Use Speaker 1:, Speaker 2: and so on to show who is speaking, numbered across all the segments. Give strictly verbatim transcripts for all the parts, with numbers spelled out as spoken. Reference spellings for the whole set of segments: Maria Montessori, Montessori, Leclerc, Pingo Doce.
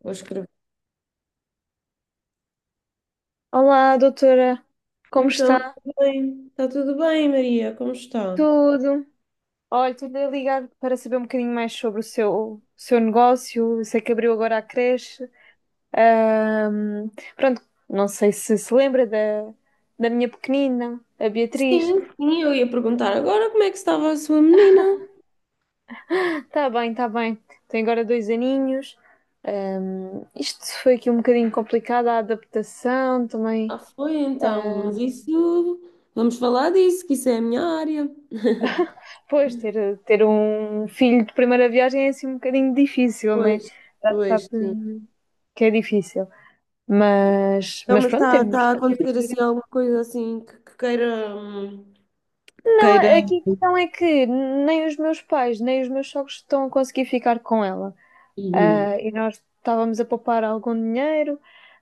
Speaker 1: Vou escrever.
Speaker 2: Olá, doutora, como
Speaker 1: Então,
Speaker 2: está?
Speaker 1: tudo bem. Está tudo bem, Maria? Como está?
Speaker 2: Tudo. Olha, estou a ligar para saber um bocadinho mais sobre o seu, o seu negócio. Eu sei que abriu agora a creche. Ahm, pronto, não sei se se lembra da, da minha pequenina, a Beatriz.
Speaker 1: Sim, sim, eu ia perguntar agora como é que estava a sua menina.
Speaker 2: Está bem, está bem. Tem agora dois aninhos. Ahm, isto foi aqui um bocadinho complicado, a adaptação também.
Speaker 1: Ah, foi então, mas
Speaker 2: Ahm,
Speaker 1: isso. Vamos falar disso, que isso é a minha área.
Speaker 2: pois, ter, ter um filho de primeira viagem é assim um bocadinho difícil, não é?
Speaker 1: Pois,
Speaker 2: Já
Speaker 1: pois,
Speaker 2: sabe.
Speaker 1: sim.
Speaker 2: Que é difícil. Mas,
Speaker 1: Então,
Speaker 2: mas
Speaker 1: mas
Speaker 2: pronto,
Speaker 1: está
Speaker 2: temos,
Speaker 1: está a
Speaker 2: temos
Speaker 1: acontecer assim
Speaker 2: direito.
Speaker 1: alguma coisa assim que, que queira. Hum, que queira.
Speaker 2: Não, aqui a questão é que nem os meus pais, nem os meus sogros estão a conseguir ficar com ela.
Speaker 1: Uhum.
Speaker 2: Ah, e nós estávamos a poupar algum dinheiro,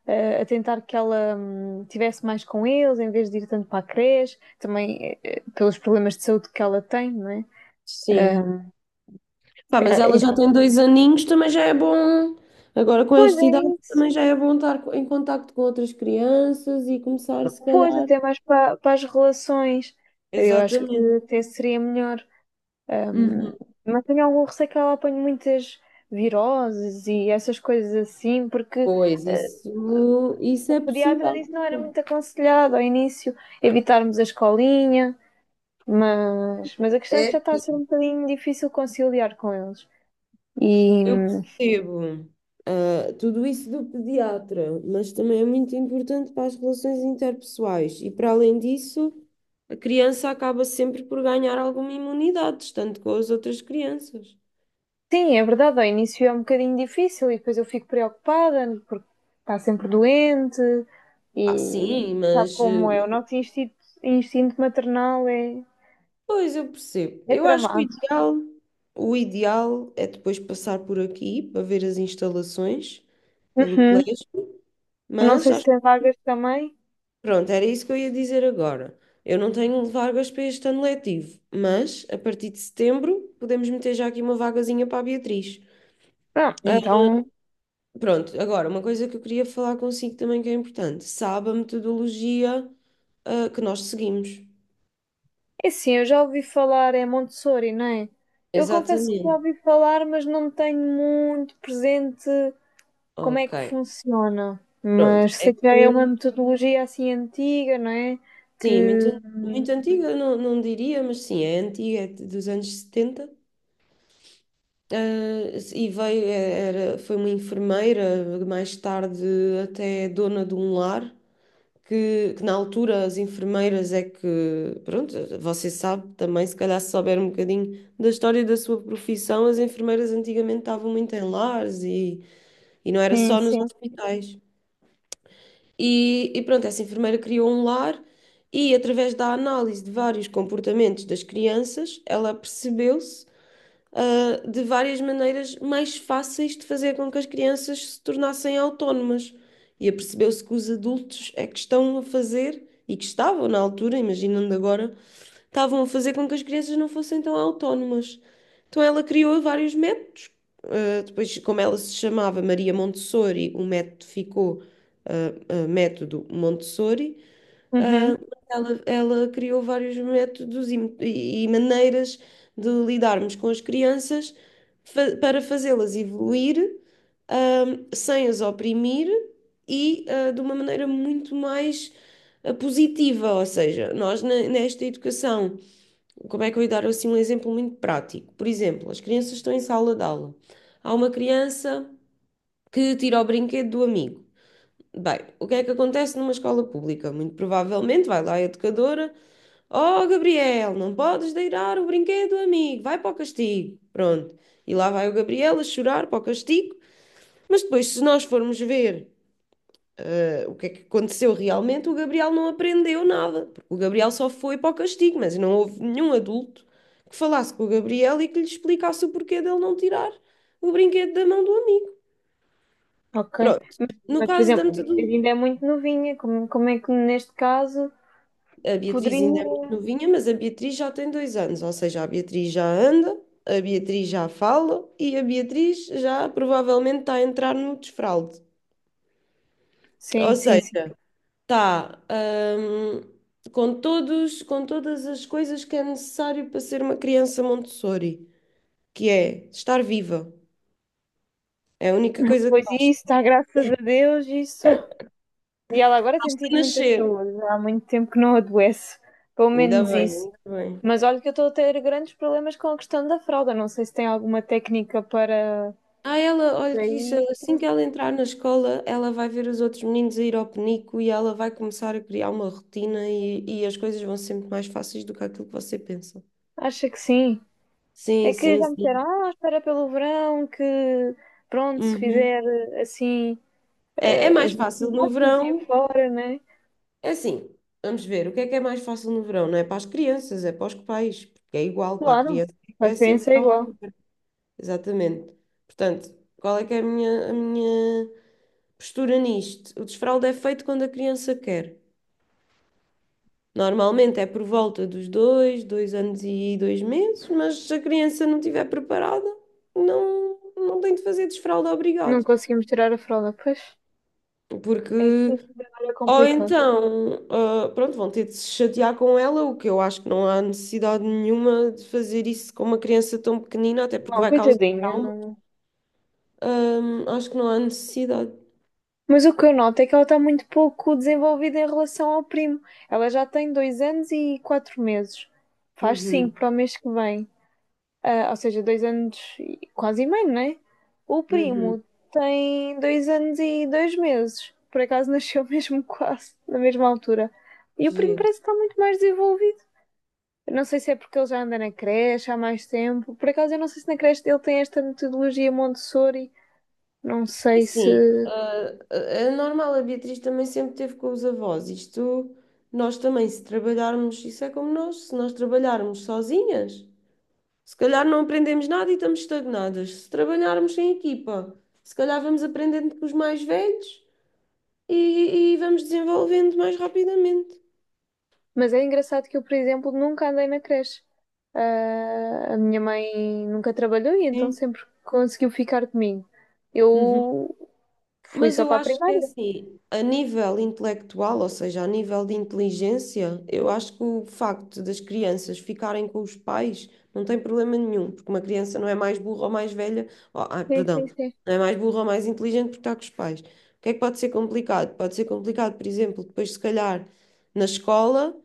Speaker 2: ah, a tentar que ela hum, tivesse mais com eles, em vez de ir tanto para a creche, também eh, eh, pelos problemas de saúde que ela tem, não é?
Speaker 1: Sim.
Speaker 2: Ah,
Speaker 1: Pá, mas
Speaker 2: ah,
Speaker 1: ela já
Speaker 2: enfim,
Speaker 1: tem dois aninhos, também já é bom. Agora com
Speaker 2: pois
Speaker 1: esta
Speaker 2: é
Speaker 1: idade
Speaker 2: isso.
Speaker 1: também já é bom estar co- em contacto com outras crianças e começar, se
Speaker 2: Pois,
Speaker 1: calhar.
Speaker 2: até mais para, para as relações. Eu acho que
Speaker 1: Exatamente.
Speaker 2: até seria melhor.
Speaker 1: Uhum.
Speaker 2: Mas tenho algum receio que ela apanhe muitas viroses e essas coisas assim, porque
Speaker 1: Pois,
Speaker 2: eh,
Speaker 1: isso, isso
Speaker 2: o
Speaker 1: é
Speaker 2: pediatra
Speaker 1: possível.
Speaker 2: disse que não era muito aconselhado ao início evitarmos a escolinha, mas, mas a questão é que
Speaker 1: É,
Speaker 2: já está a ser um
Speaker 1: sim.
Speaker 2: bocadinho difícil conciliar com eles. E
Speaker 1: Eu percebo. Ah, tudo isso do pediatra, mas também é muito importante para as relações interpessoais. E para além disso, a criança acaba sempre por ganhar alguma imunidade, tanto com as outras crianças.
Speaker 2: sim, é verdade, ao início é um bocadinho difícil e depois eu fico preocupada porque está sempre doente
Speaker 1: Ah,
Speaker 2: e
Speaker 1: sim,
Speaker 2: sabe
Speaker 1: mas
Speaker 2: como
Speaker 1: eh,
Speaker 2: é, o
Speaker 1: o-
Speaker 2: nosso instinto, instinto maternal é,
Speaker 1: pois eu percebo.
Speaker 2: é
Speaker 1: Eu acho que o
Speaker 2: tramado.
Speaker 1: ideal, o ideal é depois passar por aqui para ver as instalações pelo
Speaker 2: Uhum.
Speaker 1: colégio,
Speaker 2: Eu não
Speaker 1: mas
Speaker 2: sei se tem vagas também.
Speaker 1: Pronto, era isso que eu ia dizer agora. Eu não tenho vagas para este ano letivo, mas a partir de setembro podemos meter já aqui uma vagazinha para a Beatriz.
Speaker 2: Ah,
Speaker 1: Ah,
Speaker 2: então.
Speaker 1: pronto, agora, uma coisa que eu queria falar consigo também que é importante. Sabe a metodologia, ah, que nós seguimos.
Speaker 2: É sim, eu já ouvi falar, é Montessori, não é? Eu confesso que já
Speaker 1: Exatamente.
Speaker 2: ouvi falar, mas não tenho muito presente como é
Speaker 1: Ok.
Speaker 2: que funciona.
Speaker 1: Pronto.
Speaker 2: Mas
Speaker 1: É
Speaker 2: sei que já é uma
Speaker 1: que,
Speaker 2: metodologia assim antiga, não é?
Speaker 1: sim,
Speaker 2: Que.
Speaker 1: muito, muito antiga, não, não diria, mas sim, é antiga, é dos anos setenta. Ah, e veio, é, era, foi uma enfermeira, mais tarde até dona de um lar, que, que na altura as enfermeiras é que, pronto, você sabe também, se calhar se souber um bocadinho da história da sua profissão, as enfermeiras antigamente estavam muito em lares e, e não era
Speaker 2: Sim,
Speaker 1: só nos
Speaker 2: sim.
Speaker 1: hospitais. E, e pronto, essa enfermeira criou um lar e através da análise de vários comportamentos das crianças, ela percebeu-se ah, de várias maneiras mais fáceis de fazer com que as crianças se tornassem autónomas. E apercebeu-se que os adultos é que estão a fazer, e que estavam na altura, imaginando agora, estavam a fazer com que as crianças não fossem tão autónomas. Então ela criou vários métodos. Ah, depois, como ela se chamava Maria Montessori, o método ficou ah, ah, método Montessori.
Speaker 2: Uhum,
Speaker 1: Ela, ela criou vários métodos e, e maneiras de lidarmos com as crianças fa- para fazê-las evoluir, ahm, sem as oprimir e, ah, de uma maneira muito mais ah, positiva. Ou seja, nós ne- nesta educação, como é que eu ia dar assim um exemplo muito prático? Por exemplo, as crianças estão em sala de aula. Há uma criança que tira o brinquedo do amigo. Bem, o que é que acontece numa escola pública? Muito provavelmente vai lá a educadora. Oh, Gabriel, não podes deirar o brinquedo, amigo, vai para o castigo. Pronto. E lá vai o Gabriel a chorar para o castigo, mas depois, se nós formos ver eh, o que é que aconteceu realmente, o Gabriel não aprendeu nada, porque o Gabriel só foi para o castigo, mas não houve nenhum adulto que falasse com o Gabriel e que lhe explicasse o porquê dele não tirar o brinquedo da mão do amigo.
Speaker 2: ok.
Speaker 1: Pronto. No
Speaker 2: Mas, por
Speaker 1: caso da
Speaker 2: exemplo, a minha filha
Speaker 1: metodologia.
Speaker 2: ainda é muito novinha, como, como é que neste caso
Speaker 1: A
Speaker 2: poderia.
Speaker 1: Beatriz ainda é muito novinha, mas a Beatriz já tem dois anos, ou seja, a Beatriz já anda, a Beatriz já fala e a Beatriz já provavelmente está a entrar no desfralde.
Speaker 2: Sim,
Speaker 1: Ou
Speaker 2: sim,
Speaker 1: seja,
Speaker 2: sim.
Speaker 1: está, hum, com todos, com todas as coisas que é necessário para ser uma criança Montessori, que é estar viva. É a única coisa que
Speaker 2: Pois isso,
Speaker 1: basta.
Speaker 2: está graças a Deus, isso e ela agora tem tido muita
Speaker 1: Nascer.
Speaker 2: saúde, há muito tempo que não adoece, pelo
Speaker 1: Ainda
Speaker 2: menos
Speaker 1: bem,
Speaker 2: isso.
Speaker 1: ainda bem.
Speaker 2: Mas olha que eu estou a ter grandes problemas com a questão da fralda, não sei se tem alguma técnica para
Speaker 1: Ah, ela, olha
Speaker 2: para
Speaker 1: que isso,
Speaker 2: isso.
Speaker 1: assim que ela entrar na escola, ela vai ver os outros meninos a ir ao penico e ela vai começar a criar uma rotina e, e as coisas vão ser muito mais fáceis do que aquilo que você pensa.
Speaker 2: Acha que sim? É
Speaker 1: Sim,
Speaker 2: que
Speaker 1: sim,
Speaker 2: já me disseram,
Speaker 1: sim.
Speaker 2: ah, espera pelo verão, que pronto, se
Speaker 1: Uhum.
Speaker 2: fizer eh, assim
Speaker 1: É, é
Speaker 2: eh,
Speaker 1: mais
Speaker 2: as
Speaker 1: fácil no
Speaker 2: necessidades assim
Speaker 1: verão.
Speaker 2: fora, né?
Speaker 1: É assim, vamos ver, o que é que é mais fácil no verão? Não é para as crianças, é para os pais, porque é igual para a
Speaker 2: Claro,
Speaker 1: criança,
Speaker 2: a
Speaker 1: é ser
Speaker 2: experiência é
Speaker 1: verão.
Speaker 2: igual.
Speaker 1: Exatamente. Portanto, qual é que é a minha, a minha, postura nisto? O desfraldo é feito quando a criança quer. Normalmente é por volta dos dois, dois anos e dois meses, mas se a criança não estiver preparada, não, não tem de fazer desfralda
Speaker 2: Não
Speaker 1: obrigado.
Speaker 2: conseguimos tirar a fralda, pois.
Speaker 1: Porque,
Speaker 2: É isto que trabalho é
Speaker 1: ou
Speaker 2: complicado.
Speaker 1: então, ah, pronto, vão ter de se chatear com ela, o que eu acho que não há necessidade nenhuma de fazer isso com uma criança tão pequenina, até porque
Speaker 2: Não,
Speaker 1: vai causar
Speaker 2: coitadinha,
Speaker 1: trauma.
Speaker 2: não.
Speaker 1: Ahm, acho que não há necessidade.
Speaker 2: Mas o que eu noto é que ela está muito pouco desenvolvida em relação ao primo. Ela já tem dois anos e quatro meses. Faz
Speaker 1: Uhum,
Speaker 2: cinco para o mês que vem. Ah, ou seja, dois anos e quase e meio, não é? O
Speaker 1: uhum,
Speaker 2: primo tem dois anos e dois meses. Por acaso nasceu mesmo quase na mesma altura. E o primo
Speaker 1: giro.
Speaker 2: parece que está muito mais desenvolvido. Eu não sei se é porque ele já anda na creche há mais tempo. Por acaso eu não sei se na creche dele tem esta metodologia Montessori. Não
Speaker 1: É
Speaker 2: sei se
Speaker 1: Assim, ah, é normal, a Beatriz também sempre teve com os avós. Isto, nós também, se trabalharmos, isso é como nós, se nós trabalharmos sozinhas, se calhar não aprendemos nada e estamos estagnadas. Se trabalharmos em equipa, se calhar vamos aprendendo com os mais velhos e, e vamos desenvolvendo mais rapidamente.
Speaker 2: mas é engraçado que eu, por exemplo, nunca andei na creche. Ah, a minha mãe nunca trabalhou e então
Speaker 1: Sim.
Speaker 2: sempre conseguiu ficar comigo.
Speaker 1: Uhum.
Speaker 2: Eu fui
Speaker 1: Mas
Speaker 2: só
Speaker 1: eu
Speaker 2: para a
Speaker 1: acho que é
Speaker 2: primária.
Speaker 1: assim, a nível intelectual, ou seja, a nível de inteligência, eu acho que o facto das crianças ficarem com os pais não tem problema nenhum, porque uma criança não é mais burra ou mais velha, ou- ah,
Speaker 2: Sim, sim,
Speaker 1: perdão,
Speaker 2: sim.
Speaker 1: não é mais burra ou mais inteligente porque está com os pais. O que é que pode ser complicado? Pode ser complicado, por exemplo, depois se calhar na escola,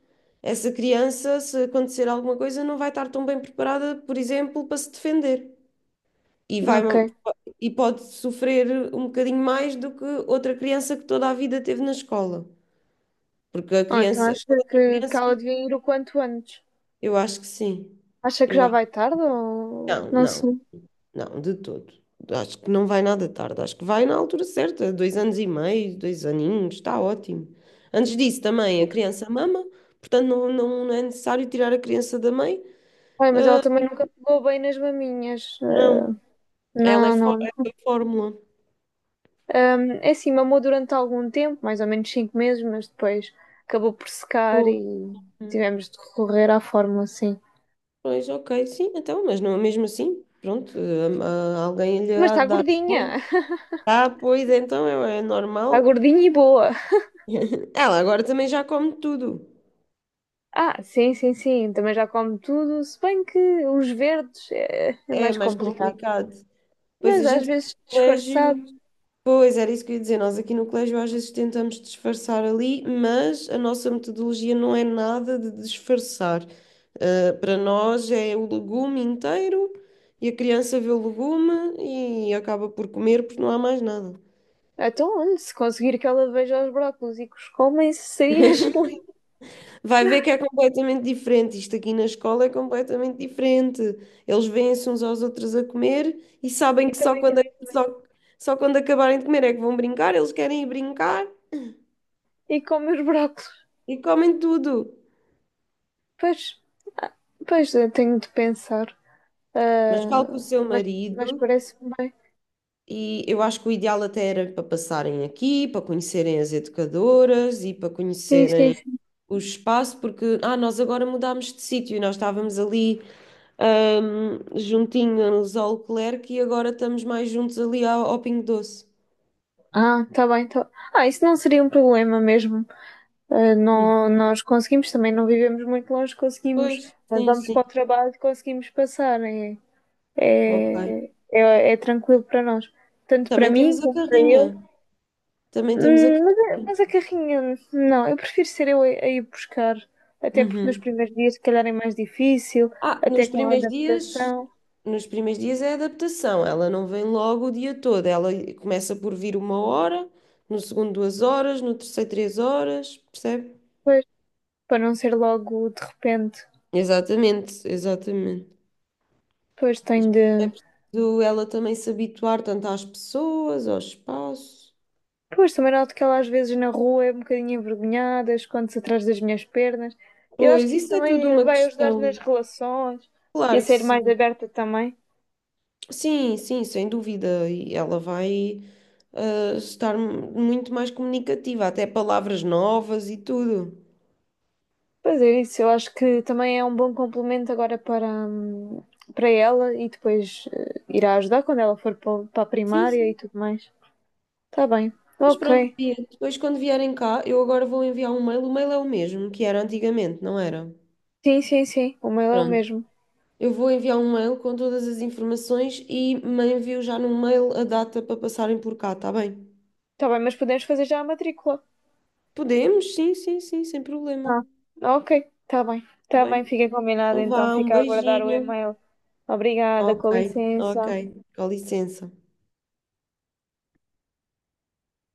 Speaker 1: essa criança, se acontecer alguma coisa, não vai estar tão bem preparada, por exemplo, para se defender. E vai,
Speaker 2: Ok.
Speaker 1: e pode sofrer um bocadinho mais do que outra criança que toda a vida teve na escola. Porque a
Speaker 2: Ah, então
Speaker 1: criança, a
Speaker 2: acha
Speaker 1: outra
Speaker 2: que, que
Speaker 1: criança,
Speaker 2: ela devia ir o quanto antes?
Speaker 1: eu acho que sim.
Speaker 2: Acha que
Speaker 1: Eu
Speaker 2: já
Speaker 1: acho,
Speaker 2: vai tarde ou
Speaker 1: não,
Speaker 2: não
Speaker 1: não,
Speaker 2: sei?
Speaker 1: não, de todo. Acho que não vai nada tarde, acho que vai na altura certa, dois anos e meio, dois aninhos, está ótimo. Antes disso também a criança mama, portanto não, não, não é necessário tirar a criança da mãe,
Speaker 2: Ai, mas ela também nunca pegou bem nas maminhas. Ah,
Speaker 1: não, ela é,
Speaker 2: não,
Speaker 1: fó-
Speaker 2: não.
Speaker 1: é a fórmula.
Speaker 2: Ahm, é assim, mamou durante algum tempo, mais ou menos cinco meses, mas depois acabou por secar
Speaker 1: Pô.
Speaker 2: e tivemos de recorrer à fórmula, sim.
Speaker 1: Pois, ok, sim, então, mas não, mesmo assim, pronto, hum, ah, alguém lhe
Speaker 2: Mas
Speaker 1: há
Speaker 2: está
Speaker 1: de dar
Speaker 2: gordinha.
Speaker 1: fome. Ah, pois, então é, é
Speaker 2: Está
Speaker 1: normal.
Speaker 2: gordinha e boa.
Speaker 1: Ela agora também já come tudo.
Speaker 2: Ah, sim, sim, sim. Também já come tudo. Se bem que os verdes é, é
Speaker 1: É
Speaker 2: mais
Speaker 1: mais
Speaker 2: complicado.
Speaker 1: complicado. Pois a
Speaker 2: Mas às
Speaker 1: gente aqui
Speaker 2: vezes
Speaker 1: no
Speaker 2: disfarçado.
Speaker 1: colégio. Pois, era isso que eu ia dizer. Nós aqui no colégio às vezes tentamos disfarçar ali, mas a nossa metodologia não é nada de disfarçar. Ah, para nós é o legume inteiro e a criança vê o legume e acaba por comer porque não há mais nada.
Speaker 2: Então, olha, se conseguir que ela veja os brócolos e que os comem, seria excelente.
Speaker 1: Vai ver que é completamente diferente. Isto aqui na escola é completamente diferente. Eles veem-se uns aos outros a comer e sabem
Speaker 2: E
Speaker 1: que só
Speaker 2: também
Speaker 1: quando,
Speaker 2: querem comer.
Speaker 1: só, só quando acabarem de comer é que vão brincar. Eles querem ir brincar
Speaker 2: E come os brócolos.
Speaker 1: e comem tudo.
Speaker 2: Pois, ah, pois eu tenho de pensar.
Speaker 1: Mas
Speaker 2: Ah,
Speaker 1: falo com o seu
Speaker 2: mas, mas
Speaker 1: marido
Speaker 2: parece-me bem.
Speaker 1: e eu acho que o ideal até era para passarem aqui, para conhecerem as educadoras e para
Speaker 2: Sim, sim,
Speaker 1: conhecerem
Speaker 2: sim.
Speaker 1: o espaço, porque ah, nós agora mudámos de sítio e nós estávamos ali. Ahm, juntinho juntinhos ao Leclerc e agora estamos mais juntos ali ao, ao Pingo Doce.
Speaker 2: Ah, está bem. Tá... Ah, isso não seria um problema mesmo. Uh,
Speaker 1: Hum.
Speaker 2: nó- nós conseguimos, também não vivemos muito longe, conseguimos,
Speaker 1: Pois,
Speaker 2: quando
Speaker 1: sim,
Speaker 2: vamos para
Speaker 1: sim.
Speaker 2: o trabalho, conseguimos passar. É,
Speaker 1: Ok.
Speaker 2: é, é, é tranquilo para nós, tanto para
Speaker 1: Também
Speaker 2: mim
Speaker 1: temos a
Speaker 2: como para ele.
Speaker 1: carrinha. Também temos a
Speaker 2: Hum, Mas, a-
Speaker 1: carrinha.
Speaker 2: mas a carrinha, não, eu prefiro ser eu a, a ir buscar, até porque nos
Speaker 1: Uhum.
Speaker 2: primeiros dias, se calhar, é mais difícil,
Speaker 1: Ah,
Speaker 2: até
Speaker 1: nos
Speaker 2: com a
Speaker 1: primeiros dias,
Speaker 2: adaptação,
Speaker 1: nos primeiros dias é adaptação. Ela não vem logo o dia todo. Ela começa por vir uma hora, no segundo duas horas, no terceiro três horas, percebe?
Speaker 2: pois, para não ser logo de repente.
Speaker 1: Exatamente, exatamente.
Speaker 2: Pois tenho
Speaker 1: Isto
Speaker 2: de.
Speaker 1: É preciso ela também se habituar tanto às pessoas, ao espaço.
Speaker 2: Pois também noto que ela às vezes na rua é um bocadinho envergonhada, esconde-se atrás das minhas pernas. Eu acho
Speaker 1: Pois,
Speaker 2: que isso
Speaker 1: isso é tudo
Speaker 2: também
Speaker 1: uma
Speaker 2: vai ajudar nas
Speaker 1: questão.
Speaker 2: relações e a
Speaker 1: Claro que
Speaker 2: ser mais
Speaker 1: sim.
Speaker 2: aberta também.
Speaker 1: Sim, sim, sem dúvida. E ela vai ah, estar mu- muito mais comunicativa, até palavras novas e tudo.
Speaker 2: Pois é, isso eu acho que também é um bom complemento agora para, hum, para ela e depois eh, irá ajudar quando ela for pa- para a
Speaker 1: Sim,
Speaker 2: primária e
Speaker 1: sim.
Speaker 2: tudo mais. Tá bem.
Speaker 1: Mas pronto,
Speaker 2: Ok.
Speaker 1: Bia, depois quando vierem cá, eu agora vou enviar um mail. O mail é o mesmo que era antigamente, não era?
Speaker 2: Sim, sim, sim. O mail é o
Speaker 1: Pronto.
Speaker 2: mesmo.
Speaker 1: Eu vou enviar um mail com todas as informações e me envio já no mail a data para passarem por cá, tá bem?
Speaker 2: Tá bem, mas podemos fazer já a matrícula.
Speaker 1: Podemos, sim, sim, sim, sem problema.
Speaker 2: Ah, ok. Tá bem.
Speaker 1: Tá
Speaker 2: Tá bem,
Speaker 1: bem?
Speaker 2: fica combinado
Speaker 1: Então
Speaker 2: então.
Speaker 1: vá, um
Speaker 2: Fica a aguardar o
Speaker 1: beijinho.
Speaker 2: e-mail. Obrigada,
Speaker 1: Ok,
Speaker 2: com
Speaker 1: ok,
Speaker 2: licença.
Speaker 1: com licença.